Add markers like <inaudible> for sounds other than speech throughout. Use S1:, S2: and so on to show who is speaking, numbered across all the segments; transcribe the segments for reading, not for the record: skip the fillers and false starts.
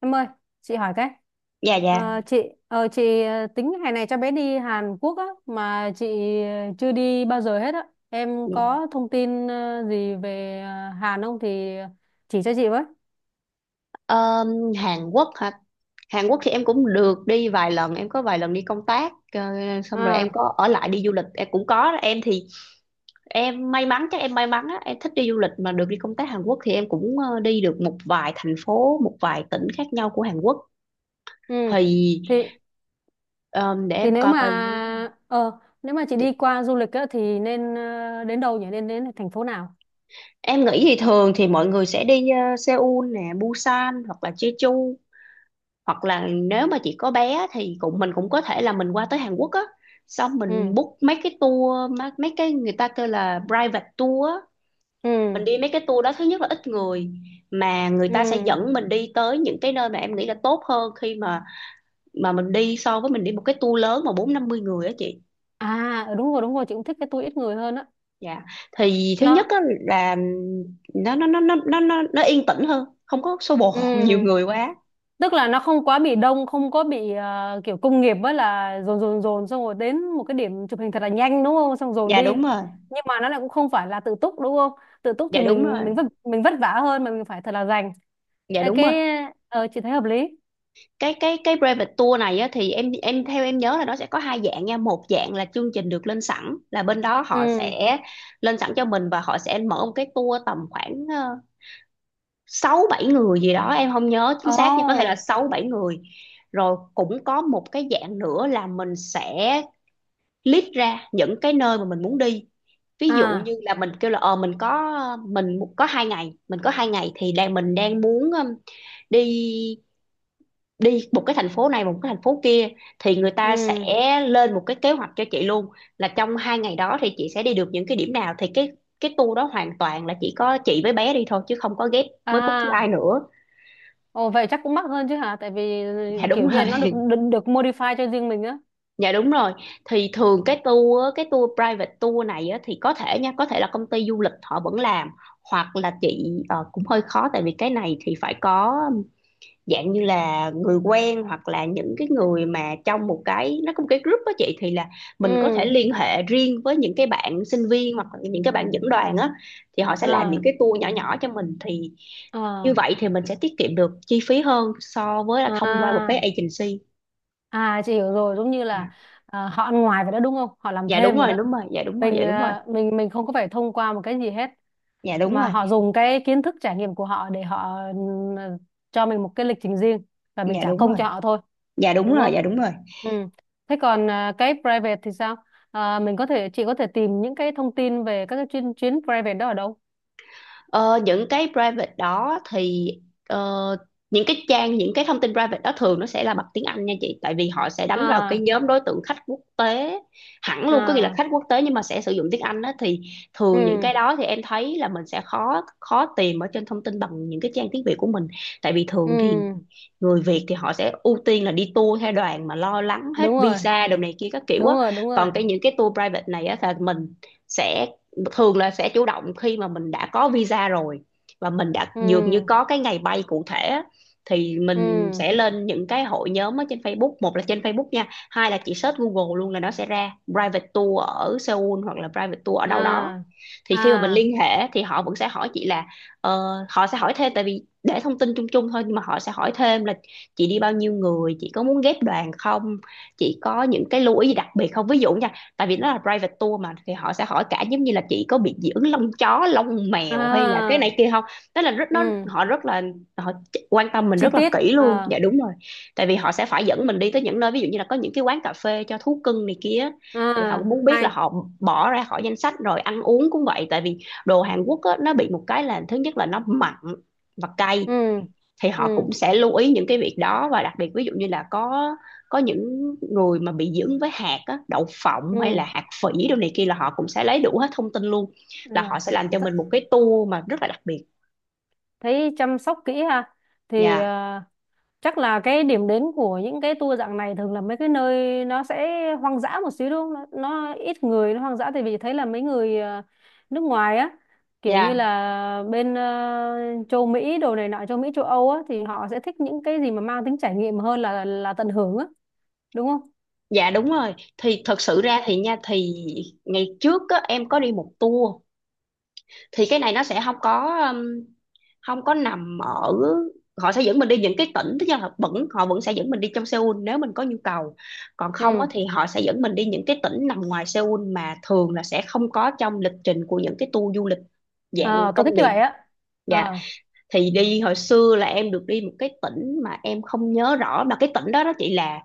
S1: Em ơi, chị hỏi cái.
S2: Dạ dạ
S1: Ờ, chị chị tính hè này cho bé đi Hàn Quốc á, mà chị chưa đi bao giờ hết á. Em
S2: Dạ.
S1: có thông tin gì về Hàn không thì chỉ cho chị với.
S2: Ờ, Hàn Quốc hả? Hàn Quốc thì em cũng được đi vài lần, em có vài lần đi công tác, xong rồi
S1: À.
S2: em có ở lại đi du lịch em cũng có. Em thì em may mắn, chắc em may mắn á, em thích đi du lịch mà được đi công tác Hàn Quốc, thì em cũng đi được một vài thành phố, một vài tỉnh khác nhau của Hàn Quốc
S1: Ừ.
S2: thì.
S1: Thì
S2: Ờ, để
S1: thì
S2: em
S1: nếu
S2: coi
S1: mà
S2: coi,
S1: ờ nếu mà chị đi qua du lịch á thì nên đến đâu nhỉ? Nên đến thành phố nào?
S2: em nghĩ thì thường thì mọi người sẽ đi Seoul nè, Busan, hoặc là Jeju, hoặc là nếu mà chị có bé thì cũng mình cũng có thể là mình qua tới Hàn Quốc á, xong mình
S1: Ừ.
S2: book mấy cái tour mấy cái người ta kêu là private tour á.
S1: Ừ.
S2: Mình đi mấy cái tour đó, thứ nhất là ít người, mà người ta sẽ
S1: Ừ.
S2: dẫn mình đi tới những cái nơi mà em nghĩ là tốt hơn khi mà mình đi, so với mình đi một cái tour lớn mà 40-50 người á chị.
S1: À, đúng rồi, đúng rồi, chị cũng thích cái tour ít người hơn á.
S2: Dạ, thì thứ nhất
S1: Nó.
S2: á là nó yên tĩnh hơn, không có xô bồ
S1: Ừ.
S2: <laughs> nhiều người quá.
S1: Tức là nó không quá bị đông, không có bị kiểu công nghiệp, với là dồn dồn dồn xong rồi đến một cái điểm chụp hình thật là nhanh, đúng không, xong dồn
S2: Dạ
S1: đi.
S2: đúng rồi,
S1: Nhưng mà nó lại cũng không phải là tự túc, đúng không? Tự túc thì
S2: dạ đúng rồi,
S1: mình vất vả hơn mà mình phải thật là dành.
S2: dạ
S1: Ê,
S2: đúng
S1: cái
S2: rồi.
S1: chị thấy hợp lý.
S2: Cái private tour này á, thì em theo em nhớ là nó sẽ có hai dạng nha. Một dạng là chương trình được lên sẵn, là bên đó họ
S1: Ừ.
S2: sẽ lên sẵn cho mình, và họ sẽ mở một cái tour tầm khoảng 6-7 người gì đó, em không nhớ chính xác nha, có thể là
S1: Ồ.
S2: 6-7 người. Rồi cũng có một cái dạng nữa là mình sẽ list ra những cái nơi mà mình muốn đi, ví dụ như
S1: À.
S2: là mình kêu là ờ mình có, mình có 2 ngày thì đang mình đang muốn đi đi một cái thành phố này, một cái thành phố kia, thì người
S1: Ừ.
S2: ta sẽ lên một cái kế hoạch cho chị luôn, là trong 2 ngày đó thì chị sẽ đi được những cái điểm nào. Thì cái tour đó hoàn toàn là chỉ có chị với bé đi thôi, chứ không có ghép với bất cứ ai
S1: À.
S2: nữa.
S1: Ồ, vậy chắc cũng mắc hơn chứ hả, tại vì
S2: Dạ
S1: kiểu
S2: đúng
S1: như là nó
S2: rồi.
S1: được được, được modify cho riêng mình á.
S2: <laughs> Dạ đúng rồi. Thì thường cái tour á, cái tour private tour này á, thì có thể nha, có thể là công ty du lịch họ vẫn làm, hoặc là chị cũng hơi khó, tại vì cái này thì phải có dạng như là người quen, hoặc là những cái người mà trong một cái nó có một cái group đó chị, thì là
S1: Ừ.
S2: mình có thể liên hệ riêng với những cái bạn sinh viên, hoặc là những cái bạn dẫn đoàn á, thì họ sẽ làm những
S1: À.
S2: cái tour nhỏ nhỏ cho mình, thì như
S1: À.
S2: vậy thì mình sẽ tiết kiệm được chi phí hơn so với là thông qua một cái
S1: À.
S2: agency.
S1: À, chị hiểu rồi, giống như là
S2: Dạ.
S1: à, họ ăn ngoài vậy đó, đúng không? Họ làm
S2: Dạ đúng
S1: thêm rồi
S2: rồi,
S1: đó.
S2: đúng rồi, dạ đúng rồi,
S1: Mình
S2: dạ đúng rồi,
S1: à, mình mình không có phải thông qua một cái gì hết,
S2: dạ đúng
S1: mà
S2: rồi,
S1: họ dùng cái kiến thức trải nghiệm của họ để họ cho mình một cái lịch trình riêng, và mình
S2: dạ
S1: trả
S2: đúng
S1: công
S2: rồi,
S1: cho họ thôi,
S2: dạ đúng
S1: đúng
S2: rồi,
S1: không?
S2: dạ đúng rồi.
S1: Ừ. Thế còn à, cái private thì sao? À, mình có thể chị có thể tìm những cái thông tin về các cái chuyến chuyến private đó ở đâu?
S2: Ờ, những cái private đó thì, ờ, những cái trang, những cái thông tin private đó thường nó sẽ là bằng tiếng Anh nha chị, tại vì họ sẽ đánh vào cái
S1: À.
S2: nhóm đối tượng khách quốc tế hẳn luôn, có nghĩa là
S1: À.
S2: khách quốc tế nhưng mà sẽ sử dụng tiếng Anh đó, thì thường những
S1: Ừ.
S2: cái đó thì em thấy là mình sẽ khó khó tìm ở trên thông tin bằng những cái trang tiếng Việt của mình, tại vì thường thì
S1: Ừ.
S2: người Việt thì họ sẽ ưu tiên là đi tour theo đoàn, mà lo lắng hết
S1: Đúng rồi,
S2: visa đồ này kia các kiểu
S1: đúng
S2: á.
S1: rồi, đúng rồi.
S2: Còn cái những cái tour private này á là mình sẽ thường là sẽ chủ động khi mà mình đã có visa rồi, và mình đã dường như
S1: Ừ.
S2: có cái ngày bay cụ thể á, thì mình
S1: Ừ.
S2: sẽ lên những cái hội nhóm ở trên Facebook, một là trên Facebook nha, hai là chỉ search Google luôn là nó sẽ ra private tour ở Seoul hoặc là private tour ở đâu đó.
S1: À.
S2: Thì khi mà mình
S1: À.
S2: liên hệ thì họ vẫn sẽ hỏi chị là ờ, họ sẽ hỏi thêm, tại vì để thông tin chung chung thôi, nhưng mà họ sẽ hỏi thêm là chị đi bao nhiêu người, chị có muốn ghép đoàn không, chị có những cái lưu ý gì đặc biệt không, ví dụ nha, tại vì nó là private tour mà, thì họ sẽ hỏi cả giống như là chị có bị dị ứng lông chó lông mèo hay là cái
S1: À.
S2: này kia không. Tức là rất nó
S1: Ừ.
S2: họ rất là họ quan tâm mình
S1: Chi
S2: rất là
S1: tiết.
S2: kỹ luôn.
S1: Ờ
S2: Dạ đúng rồi. Tại vì họ sẽ phải dẫn mình đi tới những nơi ví dụ như là có những cái quán cà phê cho thú cưng này kia, thì họ cũng
S1: À.
S2: muốn biết là
S1: Hay.
S2: họ bỏ ra khỏi danh sách. Rồi ăn uống cũng vậy, tại vì đồ Hàn Quốc á, nó bị một cái là thứ nhất là nó mặn và cay,
S1: Ừ.
S2: thì họ
S1: Ừ.
S2: cũng sẽ lưu ý những cái việc đó. Và đặc biệt ví dụ như là có những người mà bị dưỡng với hạt á, đậu phộng hay là
S1: Ừ.
S2: hạt phỉ đồ này kia là họ cũng sẽ lấy đủ hết thông tin luôn, là
S1: Ờ.
S2: họ sẽ làm cho
S1: Th
S2: mình một cái tour mà rất là đặc biệt
S1: thấy chăm sóc kỹ ha, thì
S2: nha.
S1: chắc là cái điểm đến của những cái tour dạng này thường là mấy cái nơi nó sẽ hoang dã một xíu, đúng không? Nó ít người, nó hoang dã, tại vì thấy là mấy người nước ngoài á, kiểu như
S2: Dạ,
S1: là bên châu Mỹ đồ này nọ, châu Mỹ châu Âu á, thì họ sẽ thích những cái gì mà mang tính trải nghiệm hơn là tận hưởng á, đúng không?
S2: dạ đúng rồi. Thì thật sự ra thì nha, thì ngày trước á, em có đi một tour thì cái này nó sẽ không có nằm ở, họ sẽ dẫn mình đi những cái tỉnh, tức là họ vẫn sẽ dẫn mình đi trong Seoul nếu mình có nhu cầu, còn không á,
S1: Ừ.
S2: thì họ sẽ dẫn mình đi những cái tỉnh nằm ngoài Seoul, mà thường là sẽ không có trong lịch trình của những cái tour du lịch dạng
S1: Ờ, tôi thích
S2: công
S1: như
S2: nghiệp.
S1: vậy á.
S2: Dạ.
S1: Ờ.
S2: Thì đi hồi xưa là em được đi một cái tỉnh mà em không nhớ rõ, mà cái tỉnh đó đó chị là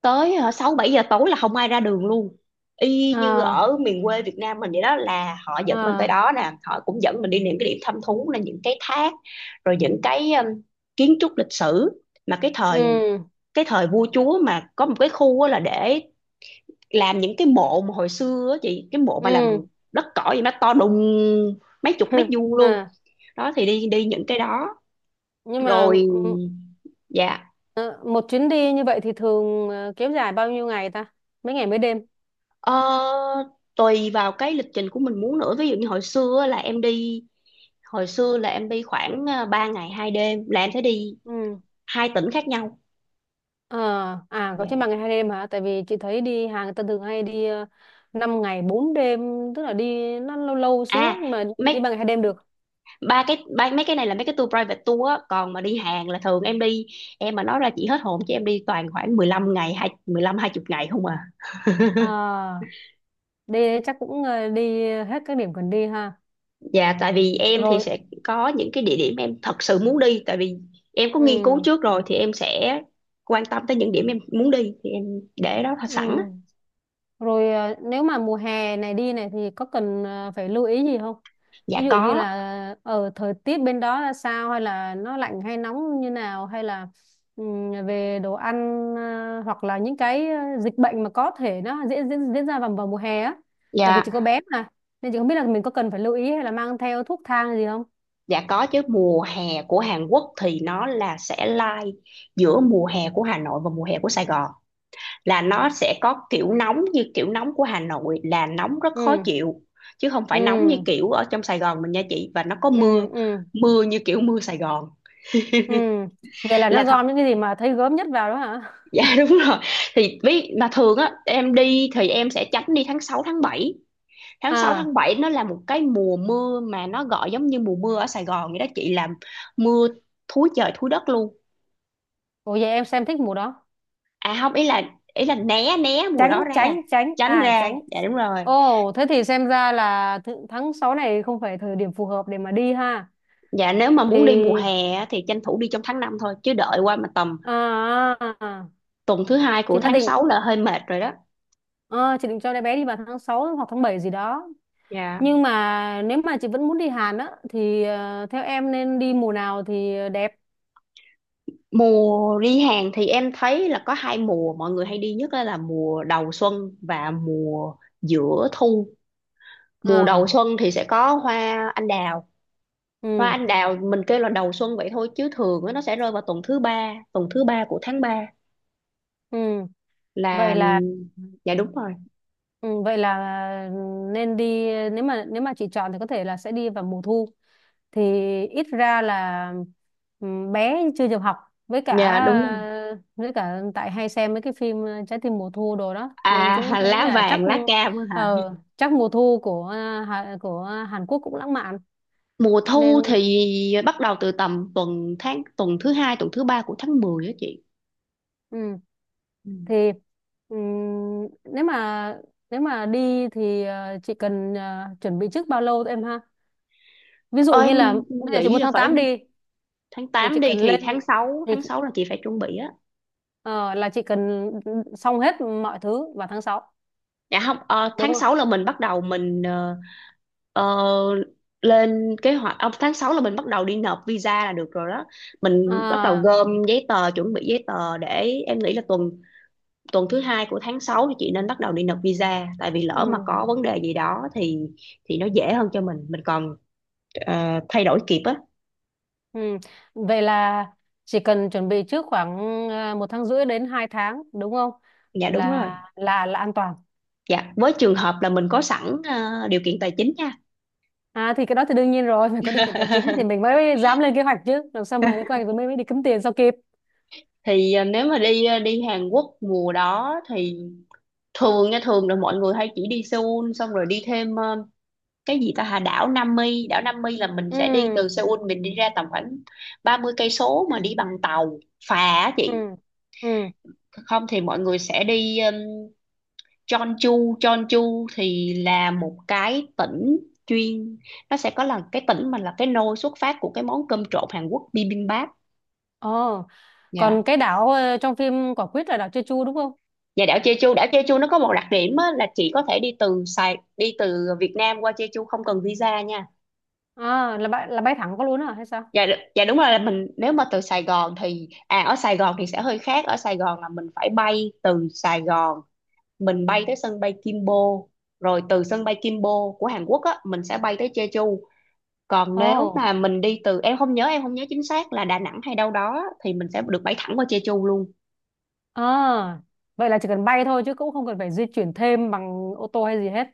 S2: tới 6 7 giờ tối là không ai ra đường luôn. Y như
S1: Ờ.
S2: ở miền quê Việt Nam mình vậy đó, là họ dẫn mình tới
S1: Ờ.
S2: đó nè, họ cũng dẫn mình đi những cái điểm thăm thú, là những cái thác, rồi những cái kiến trúc lịch sử mà cái thời
S1: Ừ.
S2: vua chúa, mà có một cái khu á là để làm những cái mộ mà hồi xưa á chị, cái mộ mà làm bằng
S1: Ừ.
S2: đất cỏ, vậy nó to đùng mấy chục mét
S1: <laughs>
S2: vuông luôn.
S1: À,
S2: Đó thì đi đi những cái đó
S1: nhưng mà
S2: rồi. Dạ.
S1: ờ, một chuyến đi như vậy thì thường kéo dài bao nhiêu ngày ta, mấy ngày mấy đêm?
S2: Ờ, Tùy vào cái lịch trình của mình muốn nữa, ví dụ như hồi xưa á là em đi, hồi xưa là em đi khoảng à, 3 ngày 2 đêm là em sẽ đi
S1: Ừ.
S2: 2 tỉnh khác nhau.
S1: Ờ. À, có
S2: Dạ.
S1: trên 3 ngày 2 đêm hả, tại vì chị thấy đi Hàn người ta thường hay đi 5 ngày bốn đêm, tức là đi nó lâu lâu xíu,
S2: À
S1: nhưng mà đi
S2: mấy
S1: 3 ngày 2 đêm được.
S2: ba, mấy cái này là mấy cái tour private tour á, còn mà đi Hàn là thường em đi, em mà nói ra chị hết hồn chứ em đi toàn khoảng 15 ngày, hai 15, hai 20 ngày không à.
S1: Ờ,
S2: <laughs>
S1: đi chắc cũng đi hết các điểm cần đi ha.
S2: Dạ, tại vì em thì
S1: Rồi.
S2: sẽ có những cái địa điểm em thật sự muốn đi, tại vì em có nghiên cứu
S1: Ừ.
S2: trước rồi, thì em sẽ quan tâm tới những điểm em muốn đi, thì em để đó
S1: Ừ.
S2: sẵn.
S1: Rồi nếu mà mùa hè này đi này thì có cần phải lưu ý gì không?
S2: Dạ
S1: Ví dụ như
S2: có,
S1: là ở thời tiết bên đó là sao, hay là nó lạnh hay nóng như nào, hay là về đồ ăn, hoặc là những cái dịch bệnh mà có thể nó diễn diễn diễn ra vào vào mùa hè á. Tại vì chỉ có
S2: dạ,
S1: bé mà, nên chị không biết là mình có cần phải lưu ý hay là mang theo thuốc thang gì không?
S2: dạ có chứ, mùa hè của Hàn Quốc thì nó là sẽ lai giữa mùa hè của Hà Nội và mùa hè của Sài Gòn, là nó sẽ có kiểu nóng như kiểu nóng của Hà Nội, là nóng rất khó
S1: Ừ.
S2: chịu, chứ không phải nóng như
S1: Ừ.
S2: kiểu ở trong Sài Gòn mình nha chị. Và nó có mưa,
S1: Ừ. Ừ.
S2: mưa như kiểu mưa Sài Gòn.
S1: Ừ. Vậy là
S2: Là
S1: nó
S2: thật.
S1: gom những cái gì mà thấy gớm nhất vào đó hả?
S2: <laughs> Dạ đúng rồi. Thì ví mà thường á em đi thì em sẽ tránh đi tháng 6 tháng 7, tháng sáu tháng
S1: À,
S2: bảy nó là một cái mùa mưa mà nó gọi giống như mùa mưa ở Sài Gòn vậy đó chị, làm mưa thúi trời thúi đất luôn.
S1: ủa vậy em xem thích mùa đó.
S2: À không, ý là né né mùa đó
S1: Tránh,
S2: ra,
S1: tránh, tránh.
S2: tránh
S1: À,
S2: ra,
S1: tránh.
S2: dạ đúng rồi.
S1: Ồ, thế thì xem ra là tháng 6 này không phải thời điểm phù hợp để mà đi ha,
S2: Dạ, nếu mà
S1: thì
S2: muốn đi mùa hè á, thì tranh thủ đi trong tháng 5 thôi, chứ đợi qua mà tầm
S1: à, à, à,
S2: tuần thứ hai
S1: chị
S2: của
S1: đã
S2: tháng
S1: định.
S2: sáu là hơi mệt rồi đó.
S1: À, chị định cho đứa bé đi vào tháng 6 hoặc tháng 7 gì đó,
S2: Dạ.
S1: nhưng mà nếu mà chị vẫn muốn đi Hàn á thì theo em nên đi mùa nào thì đẹp?
S2: Mùa đi Hàn thì em thấy là có hai mùa mọi người hay đi nhất là mùa đầu xuân và mùa giữa thu. Mùa đầu
S1: À.
S2: xuân thì sẽ có hoa anh đào, hoa
S1: Ừ.
S2: anh đào mình kêu là đầu xuân vậy thôi chứ thường á, nó sẽ rơi vào tuần thứ 3 của tháng 3
S1: Ừ. Vậy
S2: là.
S1: là.
S2: Dạ đúng rồi,
S1: Ừ, vậy là nên đi, nếu mà chị chọn thì có thể là sẽ đi vào mùa thu, thì ít ra là bé chưa được học, với cả
S2: dạ đúng rồi.
S1: với cả tại hay xem mấy cái phim Trái tim mùa thu đồ đó, nên
S2: À
S1: cũng thấy
S2: lá
S1: là chắc
S2: vàng lá cam á hả.
S1: ờ, chắc mùa thu của Hàn Quốc cũng lãng mạn,
S2: Mùa
S1: nên
S2: thu thì bắt đầu từ tầm tuần thứ 2 tuần thứ ba của tháng 10 á chị.
S1: ừ,
S2: Ừ.
S1: thì ừm, nếu mà nếu mà đi thì chị cần chuẩn bị trước bao lâu em ha, ví dụ
S2: Ơi,
S1: như là bây giờ chị
S2: nghĩ
S1: muốn
S2: là
S1: tháng
S2: phải,
S1: 8 đi,
S2: tháng
S1: thì
S2: 8
S1: chị
S2: đi
S1: cần
S2: thì
S1: lên
S2: tháng 6,
S1: thì chị,
S2: là chị phải chuẩn bị á.
S1: ờ, là chị cần xong hết mọi thứ vào tháng 6,
S2: Dạ không,
S1: đúng
S2: tháng
S1: không?
S2: 6 là mình bắt đầu mình, ờ, ờ, lên kế hoạch, tháng 6 là mình bắt đầu đi nộp visa là được rồi đó. Mình bắt đầu
S1: À.
S2: gom giấy tờ, chuẩn bị giấy tờ để em nghĩ là tuần tuần thứ 2 của tháng 6 thì chị nên bắt đầu đi nộp visa. Tại vì
S1: Ừ,
S2: lỡ mà có vấn đề gì đó thì nó dễ hơn cho mình còn thay đổi kịp á.
S1: ừ. Vậy là chỉ cần chuẩn bị trước khoảng một tháng rưỡi đến 2 tháng, đúng không?
S2: Dạ đúng rồi.
S1: Là an toàn.
S2: Dạ, với trường hợp là mình có sẵn điều kiện tài chính nha.
S1: À, thì cái đó thì đương nhiên rồi, <laughs> phải có điều kiện tài chính thì mình
S2: <laughs>
S1: mới dám lên kế hoạch chứ, làm sao mà lên kế hoạch rồi mới mới đi kiếm tiền sao kịp.
S2: Thì à, nếu mà đi à, đi Hàn Quốc mùa đó thì thường nha, thường là mọi người hay chỉ đi Seoul xong rồi đi thêm cái gì ta, hà đảo Nam Mi, đảo Nam Mi là mình
S1: Ừ.
S2: sẽ đi từ Seoul mình đi ra tầm khoảng 30 cây số mà đi bằng tàu phà á
S1: Ừ.
S2: chị.
S1: Ừ.
S2: Không thì mọi người sẽ đi Jeonju, Jeonju thì là một cái tỉnh chuyên, nó sẽ có là cái tỉnh mà là cái nôi xuất phát của cái món cơm trộn Hàn Quốc bibimbap
S1: Ồ. Còn
S2: nha.
S1: cái đảo trong phim Quả Quýt là đảo Jeju, đúng không?
S2: Và đảo Jeju nó có một đặc điểm á, là chị có thể đi từ Sài, đi từ Việt Nam qua Jeju không cần visa nha.
S1: À, là bay thẳng có luôn à hay sao?
S2: Dạ đúng rồi, là mình nếu mà từ Sài Gòn thì à ở Sài Gòn thì sẽ hơi khác, ở Sài Gòn là mình phải bay từ Sài Gòn mình bay tới sân bay Gimpo, rồi từ sân bay Gimpo của Hàn Quốc á mình sẽ bay tới Jeju. Còn nếu
S1: Ồ.
S2: mà mình đi từ em không nhớ chính xác là Đà Nẵng hay đâu đó á, thì mình sẽ được bay thẳng qua Jeju luôn.
S1: À, vậy là chỉ cần bay thôi chứ cũng không cần phải di chuyển thêm bằng ô tô hay gì hết.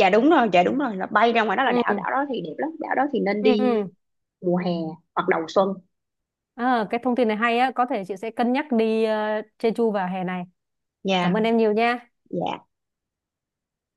S2: Dạ đúng rồi, dạ đúng rồi, là bay ra ngoài đó, là
S1: Ừ,
S2: đảo đảo đó thì đẹp lắm, đảo đó thì nên
S1: ừ,
S2: đi
S1: ừ.
S2: mùa hè hoặc đầu xuân.
S1: À, cái thông tin này hay á, có thể chị sẽ cân nhắc đi Jeju vào hè này.
S2: Dạ.
S1: Cảm ơn em nhiều nha.
S2: Dạ.